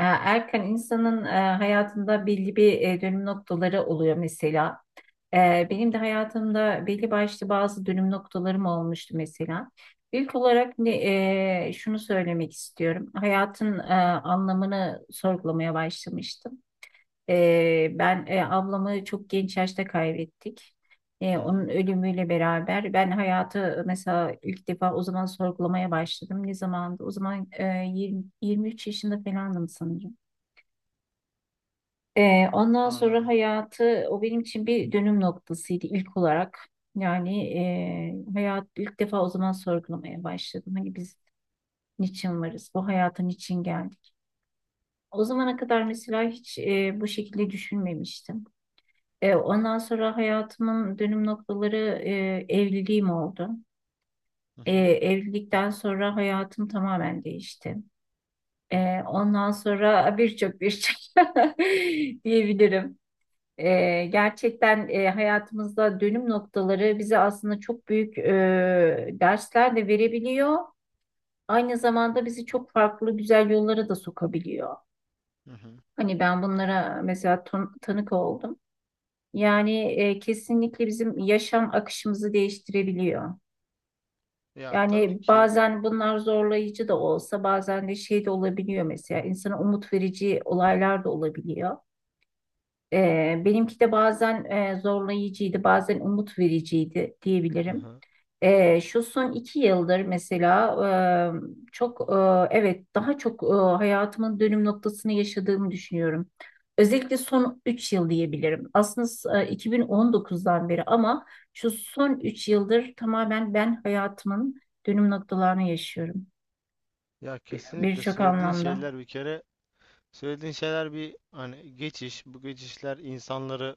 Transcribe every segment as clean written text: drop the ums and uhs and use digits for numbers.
Erken insanın hayatında belli bir dönüm noktaları oluyor mesela. Benim de hayatımda belli başlı bazı dönüm noktalarım olmuştu mesela. İlk olarak ne, e, Şunu söylemek istiyorum. Hayatın anlamını sorgulamaya başlamıştım. Ben ablamı çok genç yaşta kaybettik. Hı hı. Onun ölümüyle beraber ben hayatı mesela ilk defa o zaman sorgulamaya başladım. Ne zamandı? O zaman 20, 23 yaşında falandım sanırım. Ondan sonra Anladım. hayatı o benim için bir dönüm noktasıydı ilk olarak. Yani hayat ilk defa o zaman sorgulamaya başladım. Hani biz niçin varız? Bu hayata niçin geldik? O zamana kadar mesela hiç bu şekilde düşünmemiştim. Ondan sonra hayatımın dönüm noktaları evliliğim oldu. Hı hı. Evlilikten sonra hayatım tamamen değişti. Ondan sonra birçok diyebilirim. Gerçekten hayatımızda dönüm noktaları bize aslında çok büyük dersler de verebiliyor. Aynı zamanda bizi çok farklı güzel yollara da sokabiliyor. Hı hı. Hani ben bunlara mesela tanık oldum. Yani kesinlikle bizim yaşam akışımızı değiştirebiliyor. Ya, tabii Yani ki. bazen bunlar zorlayıcı da olsa bazen de şey de olabiliyor mesela insana umut verici olaylar da olabiliyor. Benimki de bazen zorlayıcıydı, bazen umut vericiydi diyebilirim. Aha. Şu son iki yıldır mesela çok, evet daha çok, hayatımın dönüm noktasını yaşadığımı düşünüyorum. Özellikle son 3 yıl diyebilirim. Aslında 2019'dan beri ama şu son 3 yıldır tamamen ben hayatımın dönüm noktalarını yaşıyorum Ya kesinlikle birçok söylediğin anlamda. şeyler bir kere, söylediğin şeyler bir hani geçiş, bu geçişler insanları,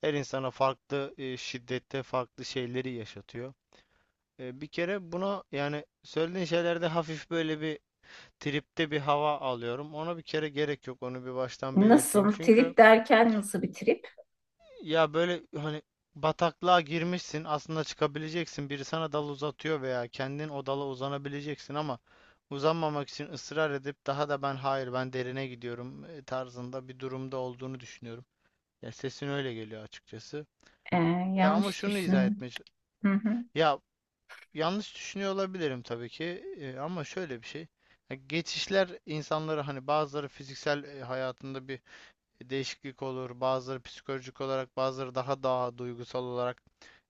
her insana farklı şiddette farklı şeyleri yaşatıyor. Bir kere buna, yani söylediğin şeylerde hafif böyle bir tripte bir hava alıyorum. Ona bir kere gerek yok, onu bir baştan belirteyim. Nasıl? Çünkü Trip derken nasıl bir trip? ya böyle hani bataklığa girmişsin, aslında çıkabileceksin, biri sana dal uzatıyor veya kendin o dala uzanabileceksin ama uzanmamak için ısrar edip daha da ben hayır ben derine gidiyorum tarzında bir durumda olduğunu düşünüyorum. Ya sesin öyle geliyor açıkçası. Ee, E ama Yanlış şunu izah düşün. etmeye ç- Hı hı. Ya, yanlış düşünüyor olabilirim tabii ki, ama şöyle bir şey. Ya geçişler insanları hani bazıları fiziksel hayatında bir değişiklik olur. Bazıları psikolojik olarak, bazıları daha duygusal olarak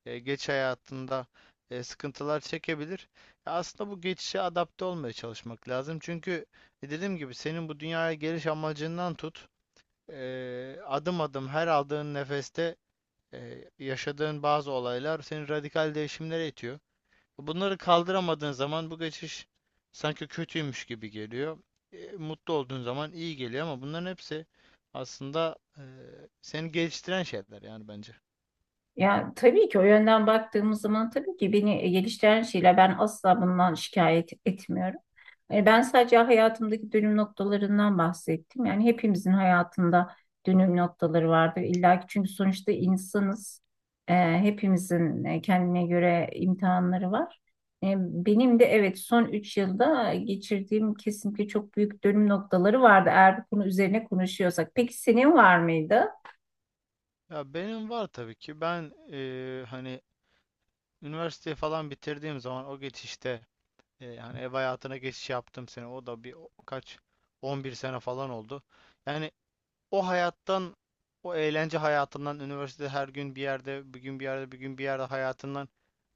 e, geç hayatında sıkıntılar çekebilir. Aslında bu geçişe adapte olmaya çalışmak lazım. Çünkü dediğim gibi senin bu dünyaya geliş amacından tut, adım adım her aldığın nefeste yaşadığın bazı olaylar seni radikal değişimlere itiyor. Bunları kaldıramadığın zaman bu geçiş sanki kötüymüş gibi geliyor. Mutlu olduğun zaman iyi geliyor ama bunların hepsi aslında seni geliştiren şeyler yani, bence. Ya tabii ki o yönden baktığımız zaman tabii ki beni geliştiren şeyler ben asla bundan şikayet etmiyorum. Ben sadece hayatımdaki dönüm noktalarından bahsettim. Yani hepimizin hayatında dönüm noktaları vardır illa ki çünkü sonuçta insanız. Hepimizin kendine göre imtihanları var. Benim de evet son 3 yılda geçirdiğim kesinlikle çok büyük dönüm noktaları vardı eğer bu konu üzerine konuşuyorsak. Peki senin var mıydı? Ya benim var tabii ki. Ben, hani üniversiteyi falan bitirdiğim zaman o geçişte, yani ev hayatına geçiş yaptım sene. O da bir kaç 11 sene falan oldu. Yani o hayattan, o eğlence hayatından, üniversite her gün bir yerde, bir gün bir yerde, bir gün bir yerde hayatından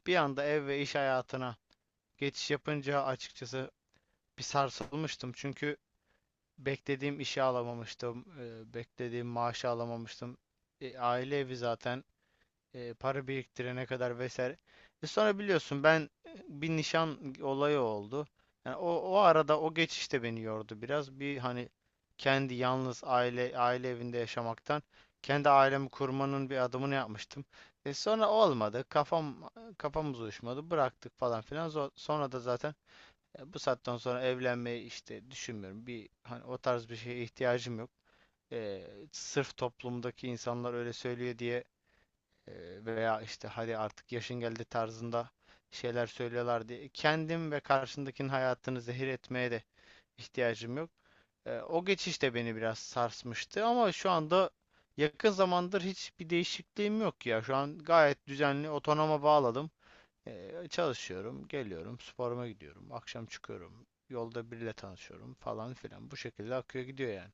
bir anda ev ve iş hayatına geçiş yapınca açıkçası bir sarsılmıştım. Çünkü beklediğim işi alamamıştım, beklediğim maaşı alamamıştım. Aile evi zaten, para biriktirene kadar vesaire. Sonra biliyorsun ben, bir nişan olayı oldu. Yani o, o arada o geçiş de beni yordu biraz. Bir hani kendi yalnız aile evinde yaşamaktan kendi ailemi kurmanın bir adımını yapmıştım. E sonra olmadı. Kafamız uyuşmadı. Bıraktık falan filan. Sonra da zaten, ya, bu saatten sonra evlenmeyi işte düşünmüyorum. Bir hani o tarz bir şeye ihtiyacım yok. Sırf toplumdaki insanlar öyle söylüyor diye, veya işte hadi artık yaşın geldi tarzında şeyler söylüyorlar diye, kendim ve karşındakinin hayatını zehir etmeye de ihtiyacım yok. O geçiş de beni biraz sarsmıştı ama şu anda, yakın zamandır hiçbir değişikliğim yok ya. Şu an gayet düzenli otonoma bağladım. Çalışıyorum, geliyorum, sporuma gidiyorum, akşam çıkıyorum, yolda biriyle tanışıyorum falan filan. Bu şekilde akıyor gidiyor yani.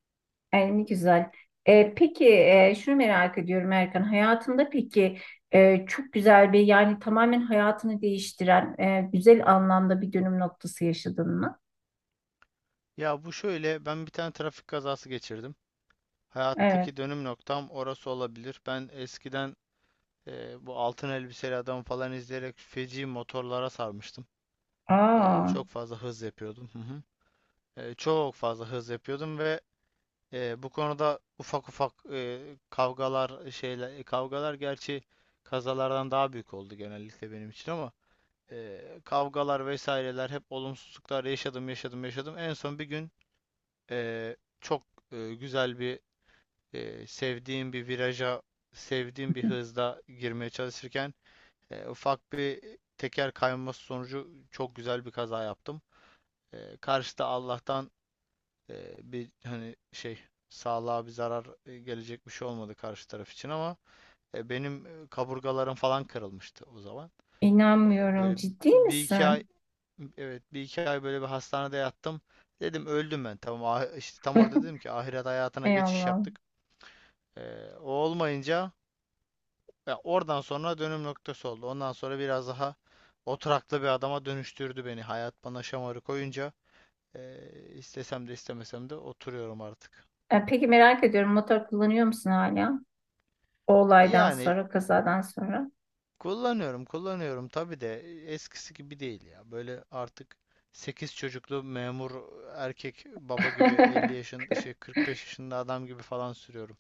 Ay, ne güzel. Peki, şunu merak ediyorum Erkan. Hayatında peki çok güzel bir yani tamamen hayatını değiştiren güzel anlamda bir dönüm noktası yaşadın mı? Ya bu şöyle, ben bir tane trafik kazası geçirdim. Evet. Hayattaki dönüm noktam orası olabilir. Ben eskiden, bu altın elbiseli adam falan izleyerek feci motorlara sarmıştım. Aa, Çok fazla hız yapıyordum. Hı hı. Çok fazla hız yapıyordum ve bu konuda ufak ufak, kavgalar, gerçi kazalardan daha büyük oldu genellikle benim için, ama kavgalar vesaireler, hep olumsuzluklar yaşadım. En son bir gün çok güzel bir, e, sevdiğim bir viraja sevdiğim bir hızda girmeye çalışırken ufak bir teker kayması sonucu çok güzel bir kaza yaptım. Karşıda Allah'tan e, bir hani şey sağlığa bir zarar gelecek bir şey olmadı karşı taraf için, ama benim kaburgalarım falan kırılmıştı o zaman. E, inanmıyorum. böyle Ciddi bir iki ay misin? Evet, bir iki ay böyle bir hastanede yattım. Dedim öldüm ben. Tamam, işte tam orada dedim ki ahiret hayatına Ey geçiş Allah'ım. yaptık. O olmayınca, ya, oradan sonra dönüm noktası oldu. Ondan sonra biraz daha oturaklı bir adama dönüştürdü beni. Hayat bana şamarı koyunca istesem de istemesem de oturuyorum artık. Peki merak ediyorum motor kullanıyor musun hala? O olaydan Yani sonra, kazadan sonra. kullanıyorum tabii de, eskisi gibi değil ya. Böyle artık 8 çocuklu memur erkek baba gibi, 50 yaşın şey 45 yaşında adam gibi falan sürüyorum.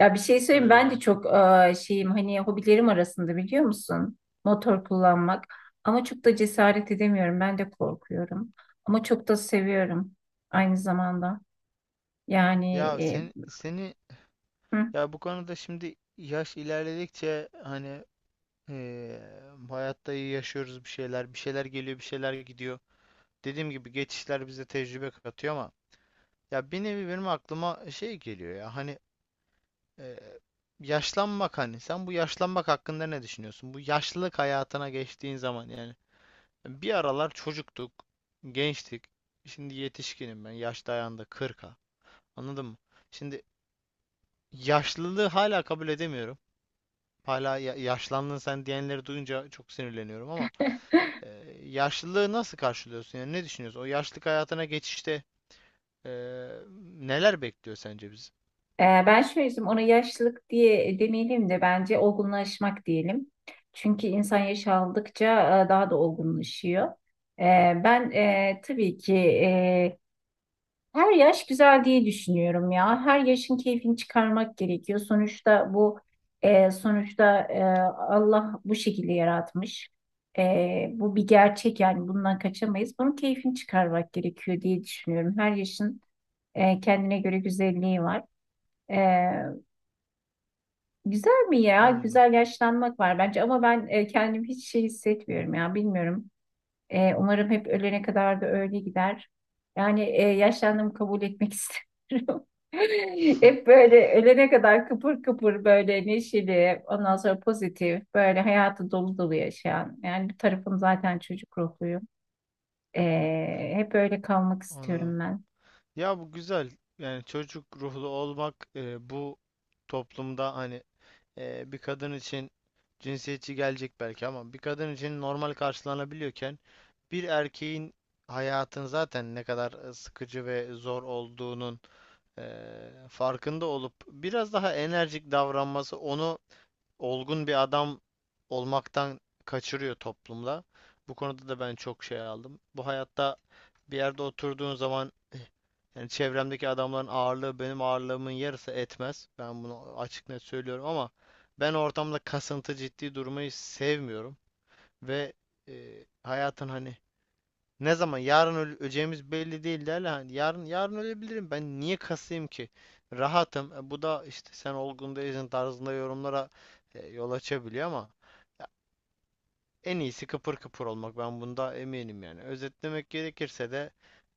Ya bir şey söyleyeyim Öyle ben de yani. çok şeyim hani hobilerim arasında biliyor musun? Motor kullanmak. Ama çok da cesaret edemiyorum. Ben de korkuyorum. Ama çok da seviyorum aynı zamanda. Yani Ya sen seni hı. Ya bu konuda şimdi yaş ilerledikçe hani, eee hayatta iyi yaşıyoruz, bir şeyler, bir şeyler geliyor, bir şeyler gidiyor. Dediğim gibi geçişler bize tecrübe katıyor ama, ya, bir nevi benim aklıma şey geliyor ya, hani eee, yaşlanmak, hani sen bu yaşlanmak hakkında ne düşünüyorsun? Bu yaşlılık hayatına geçtiğin zaman yani, bir aralar çocuktuk, gençtik. Şimdi yetişkinim ben. Yaş dayandı kırka. Anladın mı? Şimdi yaşlılığı hala kabul edemiyorum. Hala yaşlandın sen diyenleri duyunca çok sinirleniyorum ama, e, yaşlılığı nasıl karşılıyorsun? Yani ne düşünüyorsun? O yaşlılık hayatına geçişte e, neler bekliyor sence bizi? Ben şöyle söyleyeyim ona yaşlılık diye demeyelim de bence olgunlaşmak diyelim. Çünkü insan yaş aldıkça daha da olgunlaşıyor. Ben tabii ki her yaş güzel diye düşünüyorum ya. Her yaşın keyfini çıkarmak gerekiyor. Sonuçta Allah bu şekilde yaratmış. Bu bir gerçek yani bundan kaçamayız. Bunun keyfini çıkarmak gerekiyor diye düşünüyorum. Her yaşın kendine göre güzelliği var. E, Güzel mi ya? Anladım. Güzel yaşlanmak var bence ama ben kendimi hiç şey hissetmiyorum ya. Bilmiyorum. Umarım hep ölene kadar da öyle gider. Yani yaşlandığımı kabul etmek istiyorum. Hep böyle ölene kadar kıpır kıpır böyle neşeli, ondan sonra pozitif, böyle hayatı dolu dolu yaşayan. Yani bir tarafım zaten çocuk ruhluyum. Hep öyle kalmak Anladım. istiyorum ben. Ya bu güzel. Yani çocuk ruhlu olmak, bu toplumda hani, bir kadın için cinsiyetçi gelecek belki, ama bir kadın için normal karşılanabiliyorken, bir erkeğin hayatın zaten ne kadar sıkıcı ve zor olduğunun e, farkında olup biraz daha enerjik davranması onu olgun bir adam olmaktan kaçırıyor toplumda. Bu konuda da ben çok şey aldım. Bu hayatta bir yerde oturduğun zaman, yani çevremdeki adamların ağırlığı benim ağırlığımın yarısı etmez. Ben bunu açık net söylüyorum ama ben ortamda kasıntı ciddi durmayı sevmiyorum. Ve e, hayatın hani, ne zaman yarın öleceğimiz belli değil derler. Hani yarın, yarın ölebilirim. Ben niye kasayım ki? Rahatım. E, bu da işte sen olgun değilsin tarzında yorumlara yol açabiliyor ama, ya, en iyisi kıpır kıpır olmak. Ben bunda eminim yani. Özetlemek gerekirse de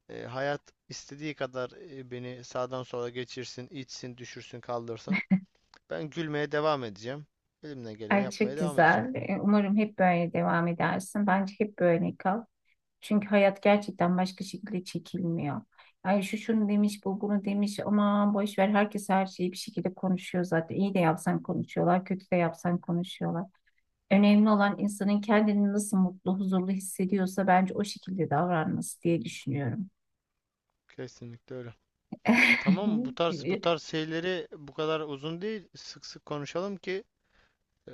hayat istediği kadar beni sağdan sola geçirsin, itsin, düşürsün, kaldırsın. Ben gülmeye devam edeceğim. Elimden geleni Ay yapmaya çok devam edeceğim. güzel. Umarım hep böyle devam edersin. Bence hep böyle kal. Çünkü hayat gerçekten başka şekilde çekilmiyor. Yani şu şunu demiş, bu bunu demiş. Aman boş ver. Herkes her şeyi bir şekilde konuşuyor zaten. İyi de yapsan konuşuyorlar, kötü de yapsan konuşuyorlar. Önemli olan insanın kendini nasıl mutlu, huzurlu hissediyorsa bence o şekilde davranması diye düşünüyorum. Kesinlikle öyle. Tamam, bu tarz bu tarz şeyleri bu kadar uzun değil, sık sık konuşalım ki e,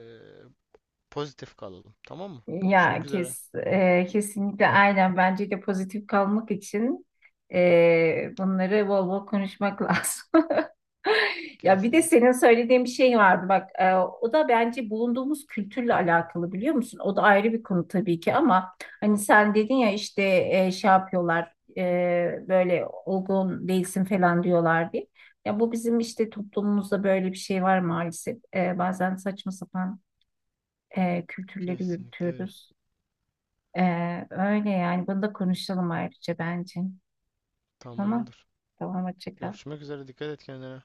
pozitif kalalım. Tamam mı? Ya Görüşmek üzere. kes, e, kesinlikle aynen bence de pozitif kalmak için bunları bol bol konuşmak lazım. Ya bir de senin Kesinlikle. söylediğin bir şey vardı bak o da bence bulunduğumuz kültürle alakalı biliyor musun? O da ayrı bir konu tabii ki ama hani sen dedin ya işte şey yapıyorlar, böyle olgun değilsin falan diyorlar diye. Ya bu bizim işte toplumumuzda böyle bir şey var maalesef. Bazen saçma sapan kültürleri Kesinlikle öyle. yürütüyoruz. E, Öyle yani bunu da konuşalım ayrıca bence. Tamam. Tamamdır. Tamam hoşça kal. Görüşmek üzere. Dikkat et kendine.